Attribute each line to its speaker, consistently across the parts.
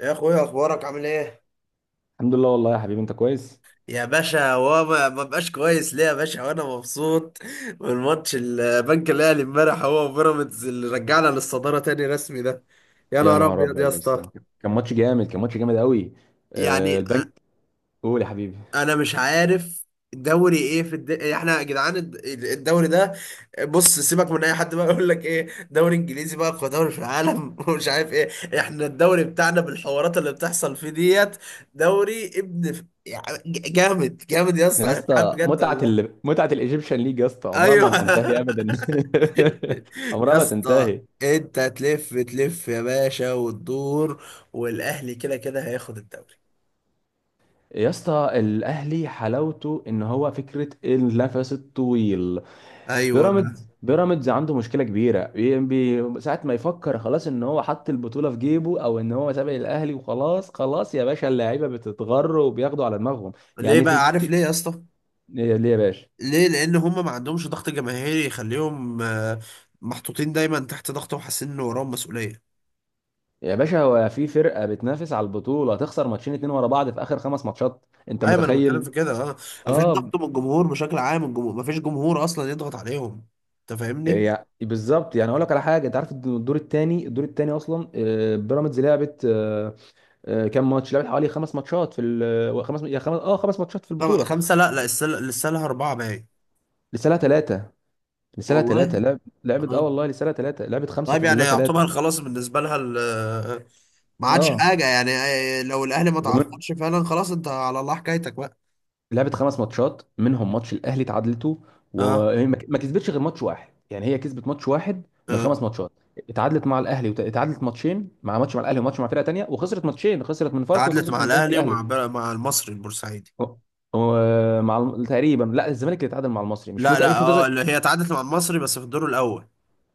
Speaker 1: يا اخويا، اخبارك عامل ايه؟
Speaker 2: الحمد لله والله يا حبيبي انت كويس.
Speaker 1: يا باشا، هو ما بقاش كويس ليه يا باشا وانا مبسوط من ماتش البنك الاهلي امبارح هو وبيراميدز اللي رجعنا للصداره تاني رسمي ده. يا
Speaker 2: يا
Speaker 1: نهار
Speaker 2: نهار
Speaker 1: ابيض يا
Speaker 2: ابيض يا
Speaker 1: اسطى.
Speaker 2: اسطى. كان ماتش جامد، كان ماتش جامد قوي.
Speaker 1: يعني
Speaker 2: البنك. قول يا حبيبي.
Speaker 1: انا مش عارف. الدوري ايه احنا يا جدعان الدوري ده. بص سيبك من اي حد بقى يقول لك ايه دوري انجليزي بقى اقوى دوري في العالم ومش عارف ايه. احنا الدوري بتاعنا بالحوارات اللي بتحصل فيه ديت. دوري ابن يعني جامد جامد يا اسطى،
Speaker 2: يا
Speaker 1: انا مش عارف
Speaker 2: اسطى
Speaker 1: بجد والله.
Speaker 2: متعه الايجيبشن ليج يا اسطى عمرها ما
Speaker 1: ايوه
Speaker 2: هتنتهي ابدا. عمرها
Speaker 1: يا
Speaker 2: ما
Speaker 1: اسطى،
Speaker 2: تنتهي.
Speaker 1: انت تلف تلف يا باشا وتدور، والاهلي كده كده هياخد الدوري.
Speaker 2: يا اسطى الاهلي حلاوته ان هو فكره النفس الطويل.
Speaker 1: ايوه.
Speaker 2: بيراميدز عنده مشكله كبيره ساعه ما يفكر خلاص ان هو حط البطوله في جيبه او ان هو سابق الاهلي وخلاص خلاص يا باشا اللعيبه بتتغر وبياخدوا على دماغهم.
Speaker 1: ليه
Speaker 2: يعني في.
Speaker 1: بقى؟ عارف ليه يا اسطى؟
Speaker 2: ليه ليه يا باشا؟
Speaker 1: ليه؟ لان هم ما عندهمش ضغط جماهيري يخليهم محطوطين دايما تحت ضغط وحاسين ان وراهم مسؤوليه.
Speaker 2: يا باشا هو في فرقه بتنافس على البطوله تخسر ماتشين اتنين ورا بعض في اخر خمس ماتشات، انت
Speaker 1: ايوه، ما انا بتكلم
Speaker 2: متخيل؟
Speaker 1: في كده، اه. مفيش
Speaker 2: اه.
Speaker 1: ضغط من الجمهور بشكل عام، الجمهور مفيش جمهور اصلا يضغط عليهم. انت فاهمني؟
Speaker 2: يعني بالظبط، يعني اقول لك على حاجه، انت عارف إن الدور الثاني، الدور الثاني اصلا بيراميدز لعبت كام ماتش لعبت، حوالي خمس ماتشات خمس يا خمس اه خمس ماتشات في البطوله.
Speaker 1: خمسه، لا لا، السله لسه لها اربعه باين.
Speaker 2: لسه لها ثلاثه. لسه لها ثلاثه
Speaker 1: والله.
Speaker 2: لعبت اه
Speaker 1: اه.
Speaker 2: والله، لسه لها ثلاثه، لعبت خمسه
Speaker 1: طيب
Speaker 2: فاضل
Speaker 1: يعني
Speaker 2: لها ثلاثه.
Speaker 1: يعتبر خلاص بالنسبه لها ما عادش
Speaker 2: اه
Speaker 1: حاجه يعني، لو الاهلي ما تعثرش فعلا خلاص، انت على الله حكايتك بقى.
Speaker 2: لعبت خمس ماتشات منهم ماتش الاهلي اتعادلته.
Speaker 1: اه.
Speaker 2: وما ما كسبتش غير ماتش واحد، يعني هي كسبت ماتش واحد من
Speaker 1: اه.
Speaker 2: الخمس ماتشات. اتعادلت مع الاهلي اتعادلت ماتشين ماتش مع الاهلي وماتش مع فرقه تانيه، وخسرت ماتشين، خسرت من فاركو
Speaker 1: تعادلت
Speaker 2: وخسرت
Speaker 1: مع
Speaker 2: من البنك
Speaker 1: الاهلي ومع
Speaker 2: الاهلي.
Speaker 1: مع المصري البورسعيدي.
Speaker 2: و- تقريبا، لا الزمالك اللي اتعادل مع المصري،
Speaker 1: لا لا،
Speaker 2: مش
Speaker 1: اه،
Speaker 2: متذكر.
Speaker 1: اللي هي تعادلت مع المصري بس في الدور الاول.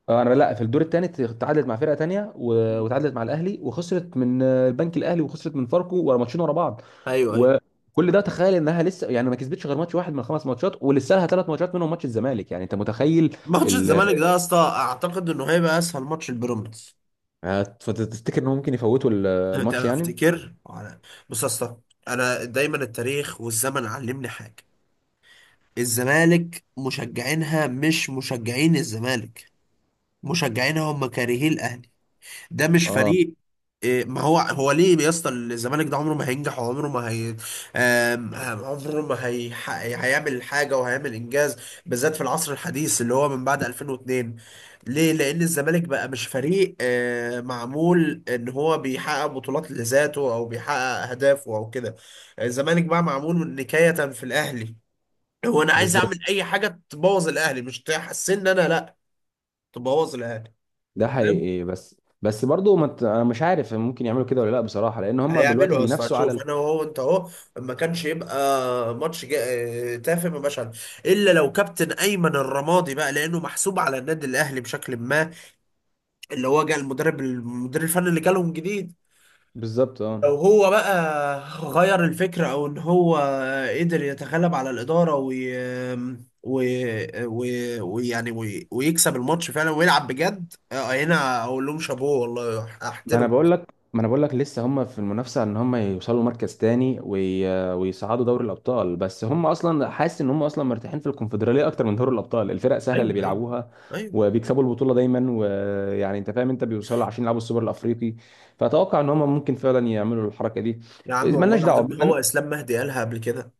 Speaker 2: انا لا، في الدور الثاني تعادلت مع فرقه تانية وتعادلت مع الاهلي وخسرت من البنك الاهلي وخسرت من فاركو ورا ماتشين ورا بعض.
Speaker 1: ايوه ايوه.
Speaker 2: وكل ده تخيل انها لسه يعني ما كسبتش غير ماتش واحد من خمس ماتشات ولسه لها 3 ماتشات منهم ماتش الزمالك، يعني انت متخيل.
Speaker 1: ماتش
Speaker 2: ال...
Speaker 1: الزمالك ده يا اسطى اعتقد انه هيبقى اسهل ماتش البيراميدز.
Speaker 2: فتفتكر انهم ممكن يفوتوا
Speaker 1: أنت
Speaker 2: الماتش يعني؟
Speaker 1: افتكر بص يا اسطى، انا دايما التاريخ والزمن علمني حاجه. الزمالك مشجعينها مش مشجعين الزمالك، مشجعينها هم كارهين الاهلي. ده مش
Speaker 2: اه
Speaker 1: فريق. إيه، ما هو ليه يا اسطى؟ الزمالك ده عمره ما هينجح وعمره ما هي، عمره ما هي هيعمل حاجه وهيعمل انجاز، بالذات في العصر الحديث اللي هو من بعد 2002. ليه؟ لان الزمالك بقى مش فريق معمول ان هو بيحقق بطولات لذاته او بيحقق اهدافه او كده. الزمالك بقى معمول نكايه في الاهلي. هو انا عايز
Speaker 2: بالظبط.
Speaker 1: اعمل اي حاجه تبوظ الاهلي، مش تحسن ان انا، لا، تبوظ الاهلي.
Speaker 2: ده حقيقي، بس بس برضه ما ت- انا مش عارف ممكن يعملوا كده ولا لا بصراحه، لان هم دلوقتي
Speaker 1: هيعملوا يا اسطى
Speaker 2: بينافسوا على
Speaker 1: هتشوف،
Speaker 2: ال...
Speaker 1: انا وهو انت اهو. ما كانش يبقى ماتش تافه ما بقاش عارف، الا لو كابتن ايمن الرمادي بقى، لانه محسوب على النادي الاهلي بشكل ما، اللي هو جه المدرب المدير الفني اللي جالهم جديد.
Speaker 2: بالظبط.
Speaker 1: لو
Speaker 2: اه
Speaker 1: هو بقى غير الفكره او ان هو قدر يتغلب على الاداره ويكسب الماتش فعلا ويلعب بجد، هنا اقول لهم شابوه والله
Speaker 2: ما انا
Speaker 1: احترم.
Speaker 2: بقول لك ما انا بقول لك لسه هم في المنافسه ان هم يوصلوا مركز تاني ويصعدوا دوري الابطال، بس هم اصلا حاسس ان هم اصلا مرتاحين في الكونفدراليه اكتر من دوري الابطال، الفرق سهله
Speaker 1: ايوه
Speaker 2: اللي
Speaker 1: ايوه
Speaker 2: بيلعبوها
Speaker 1: ايوه.
Speaker 2: وبيكسبوا البطوله دايما، ويعني انت فاهم انت بيوصلوا عشان يلعبوا السوبر الافريقي. فاتوقع ان هم ممكن فعلا يعملوا الحركه دي.
Speaker 1: يا عم والله
Speaker 2: مالناش دعوه
Speaker 1: العظيم، هو
Speaker 2: من-
Speaker 1: اسلام مهدي قالها قبل كده.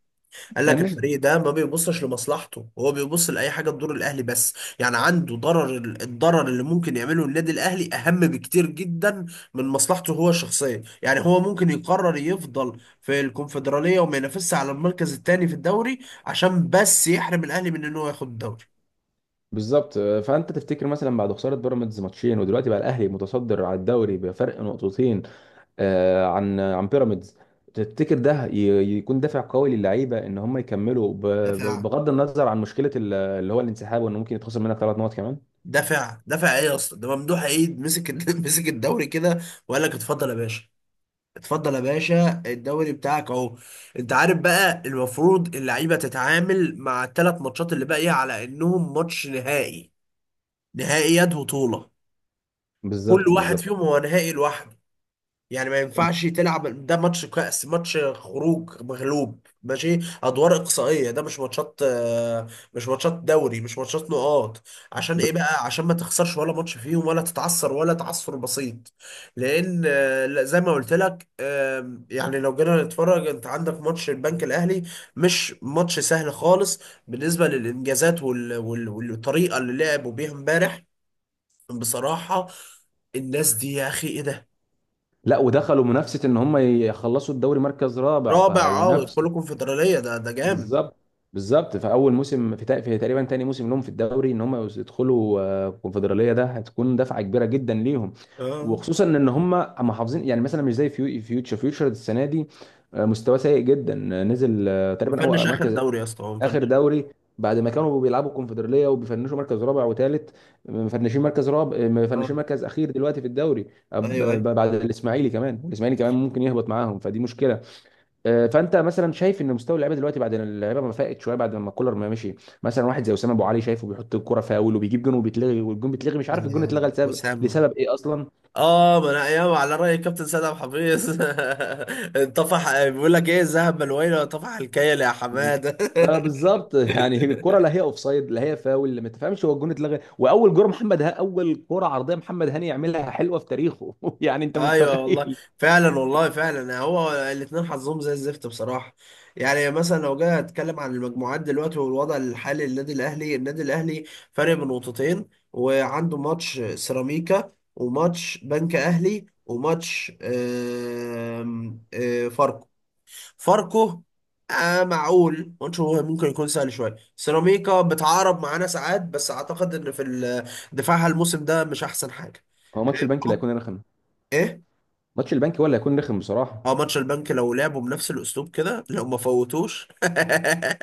Speaker 1: قال لك
Speaker 2: مالناش.
Speaker 1: الفريق ده ما بيبصش لمصلحته، هو بيبص لاي حاجه تضر الاهلي بس. يعني عنده ضرر، الضرر اللي ممكن يعمله النادي الاهلي اهم بكتير جدا من مصلحته هو الشخصيه. يعني هو ممكن يقرر يفضل في الكونفدراليه وما ينافسش على المركز الثاني في الدوري عشان بس يحرم الاهلي من ان هو ياخد الدوري.
Speaker 2: بالظبط، فانت تفتكر مثلا بعد خساره بيراميدز ماتشين ودلوقتي بقى الاهلي متصدر على الدوري بفرق نقطتين عن بيراميدز، تفتكر ده يكون دافع قوي للعيبه ان هم يكملوا
Speaker 1: دافع.
Speaker 2: بغض النظر عن مشكله اللي هو الانسحاب، وان ممكن يتخسر منك 3 نقط كمان؟
Speaker 1: دافع ايه يا اسطى؟ ده ممدوح عيد مسك مسك الدوري كده وقال لك اتفضل يا باشا، اتفضل يا باشا الدوري بتاعك اهو. انت عارف بقى، المفروض اللعيبه تتعامل مع الثلاث ماتشات اللي باقيه على انهم ماتش نهائي، نهائيات بطوله، كل
Speaker 2: بالظبط،
Speaker 1: واحد
Speaker 2: بالظبط.
Speaker 1: فيهم هو نهائي لوحده. يعني ما ينفعش تلعب ده ماتش كأس، ماتش خروج مغلوب ماشي، ادوار اقصائيه، ده مش ماتشات، مش ماتشات دوري، مش ماتشات نقاط. عشان
Speaker 2: ب...
Speaker 1: ايه بقى؟ عشان ما تخسرش ولا ماتش فيهم ولا تتعثر ولا تعثر بسيط، لان، لا، زي ما قلت لك، يعني لو جينا نتفرج، انت عندك ماتش البنك الاهلي، مش ماتش سهل خالص، بالنسبه للانجازات والطريقه اللي لعبوا بيها امبارح. بصراحه، الناس دي يا اخي ايه ده.
Speaker 2: لا ودخلوا منافسه ان هم يخلصوا الدوري مركز رابع
Speaker 1: رابع، اه، ويدخلوا
Speaker 2: فهينافسوا.
Speaker 1: الكونفدرالية، ده جامد.
Speaker 2: بالظبط، بالظبط. في اول موسم في، في تقريبا تاني موسم لهم في الدوري ان هم يدخلوا الكونفدراليه، ده هتكون دفعه كبيره جدا ليهم،
Speaker 1: اه.
Speaker 2: وخصوصا ان هم محافظين. يعني مثلا مش زي فيوتشر فيوتشر السنه دي مستواه سيء جدا، نزل تقريبا هو
Speaker 1: مفنش اخر
Speaker 2: مركز
Speaker 1: دوري يا اسطى، هو
Speaker 2: اخر
Speaker 1: مفنش.
Speaker 2: دوري بعد ما كانوا بيلعبوا الكونفدراليه وبيفنشوا مركز رابع وثالث. مفنشين مركز رابع،
Speaker 1: اه.
Speaker 2: مفنشين مركز اخير دلوقتي في الدوري.
Speaker 1: ايوه ايوه.
Speaker 2: بعد الاسماعيلي كمان، والاسماعيلي كمان ممكن يهبط معاهم فدي مشكله. فانت مثلا شايف ان مستوى اللعيبه دلوقتي بعد ان اللعيبه ما فاقت شويه بعد ما كولر ما مشي، مثلا واحد زي اسامه ابو علي شايفه بيحط الكره فاول وبيجيب جون وبيتلغي، والجون بيتلغي مش عارف الجون اتلغى
Speaker 1: سلام وسام.
Speaker 2: لسبب ايه اصلا.
Speaker 1: اه، ما انا ايام على راي الكابتن سيد عبد الحفيظ انطفح، بيقول لك ايه، الذهب ملوينا وانطفح الكيل يا حماده.
Speaker 2: اه بالظبط يعني الكره لا هي اوفسايد لا هي فاول، ما تفهمش هو الجون اتلغى، واول جون محمد ها، اول كره عرضيه محمد هاني يعملها حلوه في تاريخه يعني انت
Speaker 1: ايوه والله.
Speaker 2: متخيل.
Speaker 1: فعلا والله فعلا، هو الاثنين حظهم زي الزفت بصراحه. يعني مثلا لو جاي اتكلم عن المجموعات دلوقتي والوضع الحالي للنادي الاهلي، النادي الاهلي فارق بنقطتين، وعنده ماتش سيراميكا وماتش بنك اهلي وماتش آم، آه، فاركو. معقول ماتش هو ممكن يكون سهل شويه، سيراميكا بتعارب معانا ساعات بس اعتقد ان في دفاعها الموسم ده مش احسن حاجه.
Speaker 2: هو ماتش البنك اللي
Speaker 1: أه؟
Speaker 2: هيكون رخم.
Speaker 1: ايه.
Speaker 2: ماتش البنك ولا هيكون رخم بصراحه.
Speaker 1: اه، ماتش البنك لو لعبوا بنفس الاسلوب كده، لو ما فوتوش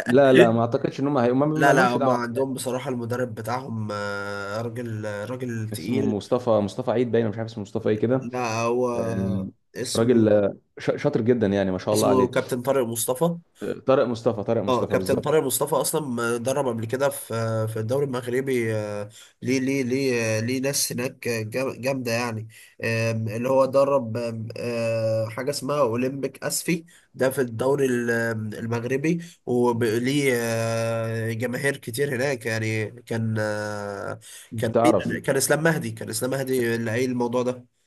Speaker 2: لا لا ما اعتقدش ان هم ما
Speaker 1: لا لا،
Speaker 2: لهمش
Speaker 1: هما
Speaker 2: دعوه.
Speaker 1: عندهم بصراحة المدرب بتاعهم، راجل، راجل
Speaker 2: اسمه
Speaker 1: تقيل.
Speaker 2: مصطفى، مصطفى عيد باين، مش عارف اسمه مصطفى ايه كده.
Speaker 1: لا، هو
Speaker 2: آه، راجل،
Speaker 1: اسمه
Speaker 2: شاطر جدا يعني ما شاء الله
Speaker 1: اسمه
Speaker 2: عليه.
Speaker 1: كابتن طارق مصطفى.
Speaker 2: طارق مصطفى، طارق
Speaker 1: اه،
Speaker 2: مصطفى
Speaker 1: كابتن
Speaker 2: بالظبط.
Speaker 1: طارق مصطفى اصلا درب قبل كده في في الدوري المغربي، ليه؟ ليه ليه ناس هناك جامده يعني. اللي هو درب آم، آه، حاجه اسمها اولمبيك اسفي، ده في الدوري المغربي، وليه جماهير كتير هناك، يعني كان
Speaker 2: انت
Speaker 1: كان
Speaker 2: تعرف،
Speaker 1: مين، كان اسلام مهدي اللي قايل الموضوع ده.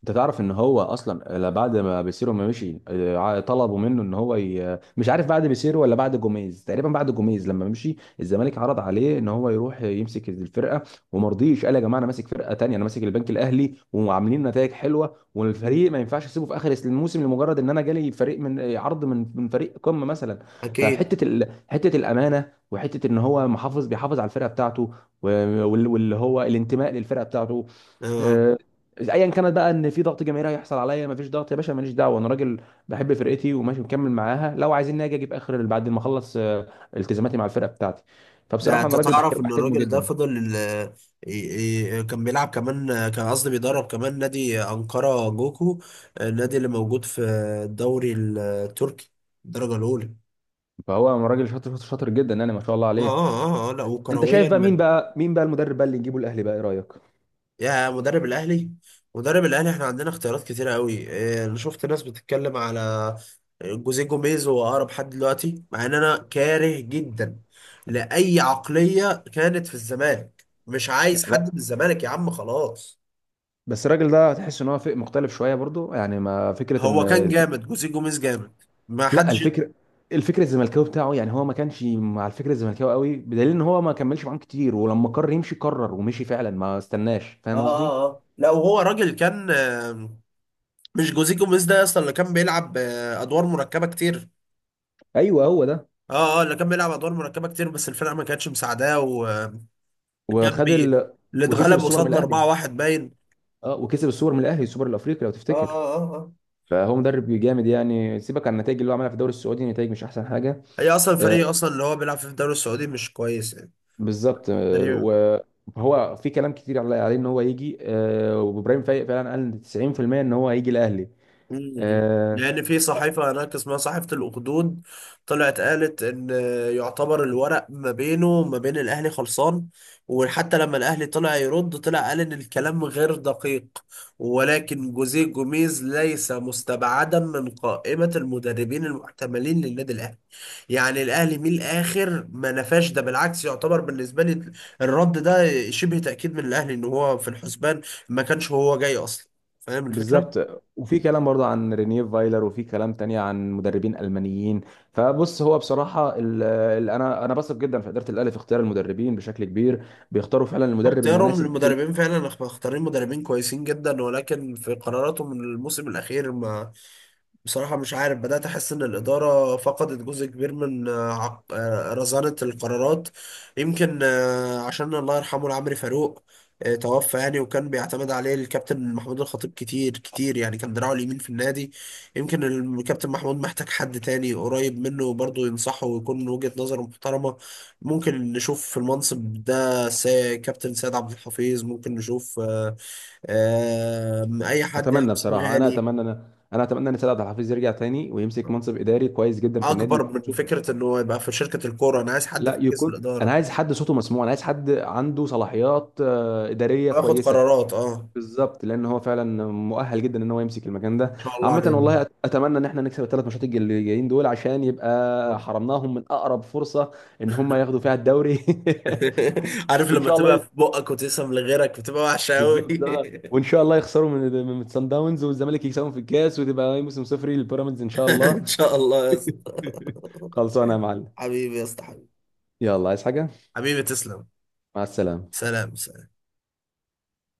Speaker 2: انت تعرف ان هو اصلا، لا بعد ما بيسيرو ما مشي طلبوا منه ان هو مش عارف بعد بيسيرو ولا بعد جوميز، تقريبا بعد جوميز لما مشي الزمالك عرض عليه ان هو يروح يمسك الفرقه، وما رضيش، قال يا جماعه انا ماسك فرقه تانية، انا ماسك البنك الاهلي وعاملين نتائج حلوه
Speaker 1: مم.
Speaker 2: والفريق ما ينفعش اسيبه في اخر الموسم لمجرد ان انا جالي فريق من عرض من فريق قمه مثلا.
Speaker 1: اكيد.
Speaker 2: حته الامانه وحته ان هو محافظ بيحافظ على الفرقه بتاعته، واللي هو الانتماء للفرقه بتاعته.
Speaker 1: آه.
Speaker 2: آه، ايا كانت بقى ان في ضغط جماهيري هيحصل عليا، مفيش ضغط يا باشا ماليش دعوه، انا راجل بحب فرقتي وماشي مكمل معاها، لو عايزين اجي اجيب اخر بعد ما اخلص التزاماتي مع الفرقه بتاعتي.
Speaker 1: ده
Speaker 2: فبصراحه
Speaker 1: انت
Speaker 2: انا راجل
Speaker 1: تعرف
Speaker 2: بحترم،
Speaker 1: ان
Speaker 2: بحترمه
Speaker 1: الراجل ده
Speaker 2: جدا.
Speaker 1: فضل كان بيلعب كمان، كان قصدي بيدرب كمان نادي أنقرة جوكو، النادي اللي موجود في الدوري التركي الدرجة الأولى.
Speaker 2: فهو راجل شاطر، شاطر جدا يعني ما شاء الله
Speaker 1: اه
Speaker 2: عليه.
Speaker 1: اه اه، لا
Speaker 2: انت
Speaker 1: وكرويا
Speaker 2: شايف بقى مين بقى، مين بقى المدرب بقى اللي نجيبه الاهلي بقى، ايه رايك؟
Speaker 1: يا مدرب الأهلي، مدرب الأهلي احنا عندنا اختيارات كتيرة قوي، انا شفت ناس بتتكلم على جوزيه جوميز، هو أقرب حد دلوقتي، مع ان انا كاره جدا لأي عقلية كانت في الزمالك. مش عايز حد
Speaker 2: لا
Speaker 1: من الزمالك يا عم، خلاص.
Speaker 2: بس الراجل ده تحس ان هو فئ مختلف شويه برضو، يعني ما فكره ان.
Speaker 1: هو كان جامد، جوزيه جوميز جامد، ما
Speaker 2: لا
Speaker 1: حدش. اه.
Speaker 2: الفكر، الفكر الزملكاوي بتاعه، يعني هو ما كانش مع الفكر الزملكاوي قوي، بدليل ان هو ما كملش معاهم كتير، ولما قرر يمشي قرر ومشي فعلا ما استناش، فاهم قصدي.
Speaker 1: اه اه، لا، وهو راجل كان، مش جوزيه جوميز ده اصلا اللي كان بيلعب ادوار مركبه كتير؟
Speaker 2: ايوه هو ده.
Speaker 1: اه. اه، اللي كان بيلعب ادوار مركبه كتير، بس الفرقه ما كانتش مساعداه، وكان
Speaker 2: وخد
Speaker 1: بي
Speaker 2: ال...
Speaker 1: اللي
Speaker 2: وكسب
Speaker 1: اتغلب
Speaker 2: السوبر من
Speaker 1: قصادنا
Speaker 2: الاهلي،
Speaker 1: 4-1 باين.
Speaker 2: اه وكسب السوبر من الاهلي، السوبر الافريقي لو
Speaker 1: اه
Speaker 2: تفتكر.
Speaker 1: اه اه اه.
Speaker 2: فهو مدرب جامد، يعني سيبك عن النتائج اللي هو عملها في الدوري السعودي نتائج مش احسن حاجه.
Speaker 1: هي اصلا الفريق
Speaker 2: آه
Speaker 1: اصلا اللي هو بيلعب فيه في الدوري السعودي مش كويس يعني،
Speaker 2: بالظبط،
Speaker 1: فريق.
Speaker 2: وهو في كلام كتير عليه ان هو يجي، آه وابراهيم فايق فعلا قال 90% ان هو هيجي الاهلي.
Speaker 1: مم.
Speaker 2: آه
Speaker 1: لأن في صحيفة هناك اسمها صحيفة الأخدود طلعت قالت إن، يعتبر الورق ما بينه وما بين الأهلي خلصان. وحتى لما الأهلي طلع يرد، طلع قال إن الكلام غير دقيق ولكن جوزيه جوميز ليس مستبعدا من قائمة المدربين المحتملين للنادي الأهلي. يعني الأهلي من الآخر ما نفاش، ده بالعكس يعتبر بالنسبة لي الرد ده شبه تأكيد من الأهلي إن هو في الحسبان، ما كانش هو جاي أصلا. فاهم الفكرة؟
Speaker 2: بالظبط، وفي كلام برضه عن رينيه فايلر وفي كلام تاني عن مدربين المانيين. فبص هو بصراحه ال انا بثق جدا في اداره الاهلي في اختيار المدربين بشكل كبير، بيختاروا فعلا المدرب
Speaker 1: اختيارهم
Speaker 2: المناسب في
Speaker 1: للمدربين فعلا، مختارين مدربين كويسين جدا، ولكن في قراراتهم الموسم الاخير، ما، بصراحة مش عارف، بدأت أحس إن الإدارة فقدت جزء كبير من رزانة القرارات. يمكن عشان الله يرحمه العمري فاروق توفى، يعني وكان بيعتمد عليه الكابتن محمود الخطيب كتير كتير، يعني كان دراعه اليمين في النادي. يمكن الكابتن محمود محتاج حد تاني قريب منه برضه ينصحه ويكون وجهة نظره محترمة. ممكن نشوف في المنصب ده كابتن سيد عبد الحفيظ، ممكن نشوف أي حد يعني،
Speaker 2: اتمنى
Speaker 1: اسم
Speaker 2: بصراحه، انا
Speaker 1: غالي،
Speaker 2: اتمنى انا اتمنى ان سيد عبد الحفيظ يرجع تاني ويمسك منصب اداري كويس جدا في النادي
Speaker 1: اكبر من
Speaker 2: يكون صوته
Speaker 1: فكره
Speaker 2: مسموع.
Speaker 1: انه يبقى في شركه الكوره. انا عايز حد
Speaker 2: لا
Speaker 1: في مجلس
Speaker 2: يكون، انا
Speaker 1: الاداره
Speaker 2: عايز حد صوته مسموع، انا عايز حد عنده صلاحيات اداريه
Speaker 1: وياخد
Speaker 2: كويسه.
Speaker 1: قرارات، اه.
Speaker 2: بالظبط، لان هو فعلا مؤهل جدا ان هو يمسك المكان ده.
Speaker 1: ما شاء الله
Speaker 2: عامه والله
Speaker 1: عليهم.
Speaker 2: اتمنى ان احنا نكسب ال3 ماتشات اللي جايين دول عشان يبقى
Speaker 1: طب.
Speaker 2: حرمناهم من اقرب فرصه ان هم ياخدوا فيها الدوري
Speaker 1: عارف
Speaker 2: وان
Speaker 1: لما
Speaker 2: شاء الله
Speaker 1: تبقى في بقك وتسم لغيرك بتبقى وحشه قوي
Speaker 2: بالظبط. ده وان شاء الله يخسروا من سان داونز والزمالك يكسبهم في الكاس، وتبقى موسم صفري للبيراميدز ان شاء الله.
Speaker 1: ان شاء الله يا اسطى.
Speaker 2: خلصانه يا معلم.
Speaker 1: حبيبي يا اسطى، حبيبي.
Speaker 2: يلا عايز حاجه؟
Speaker 1: حبيبي تسلم.
Speaker 2: مع السلامه.
Speaker 1: سلام.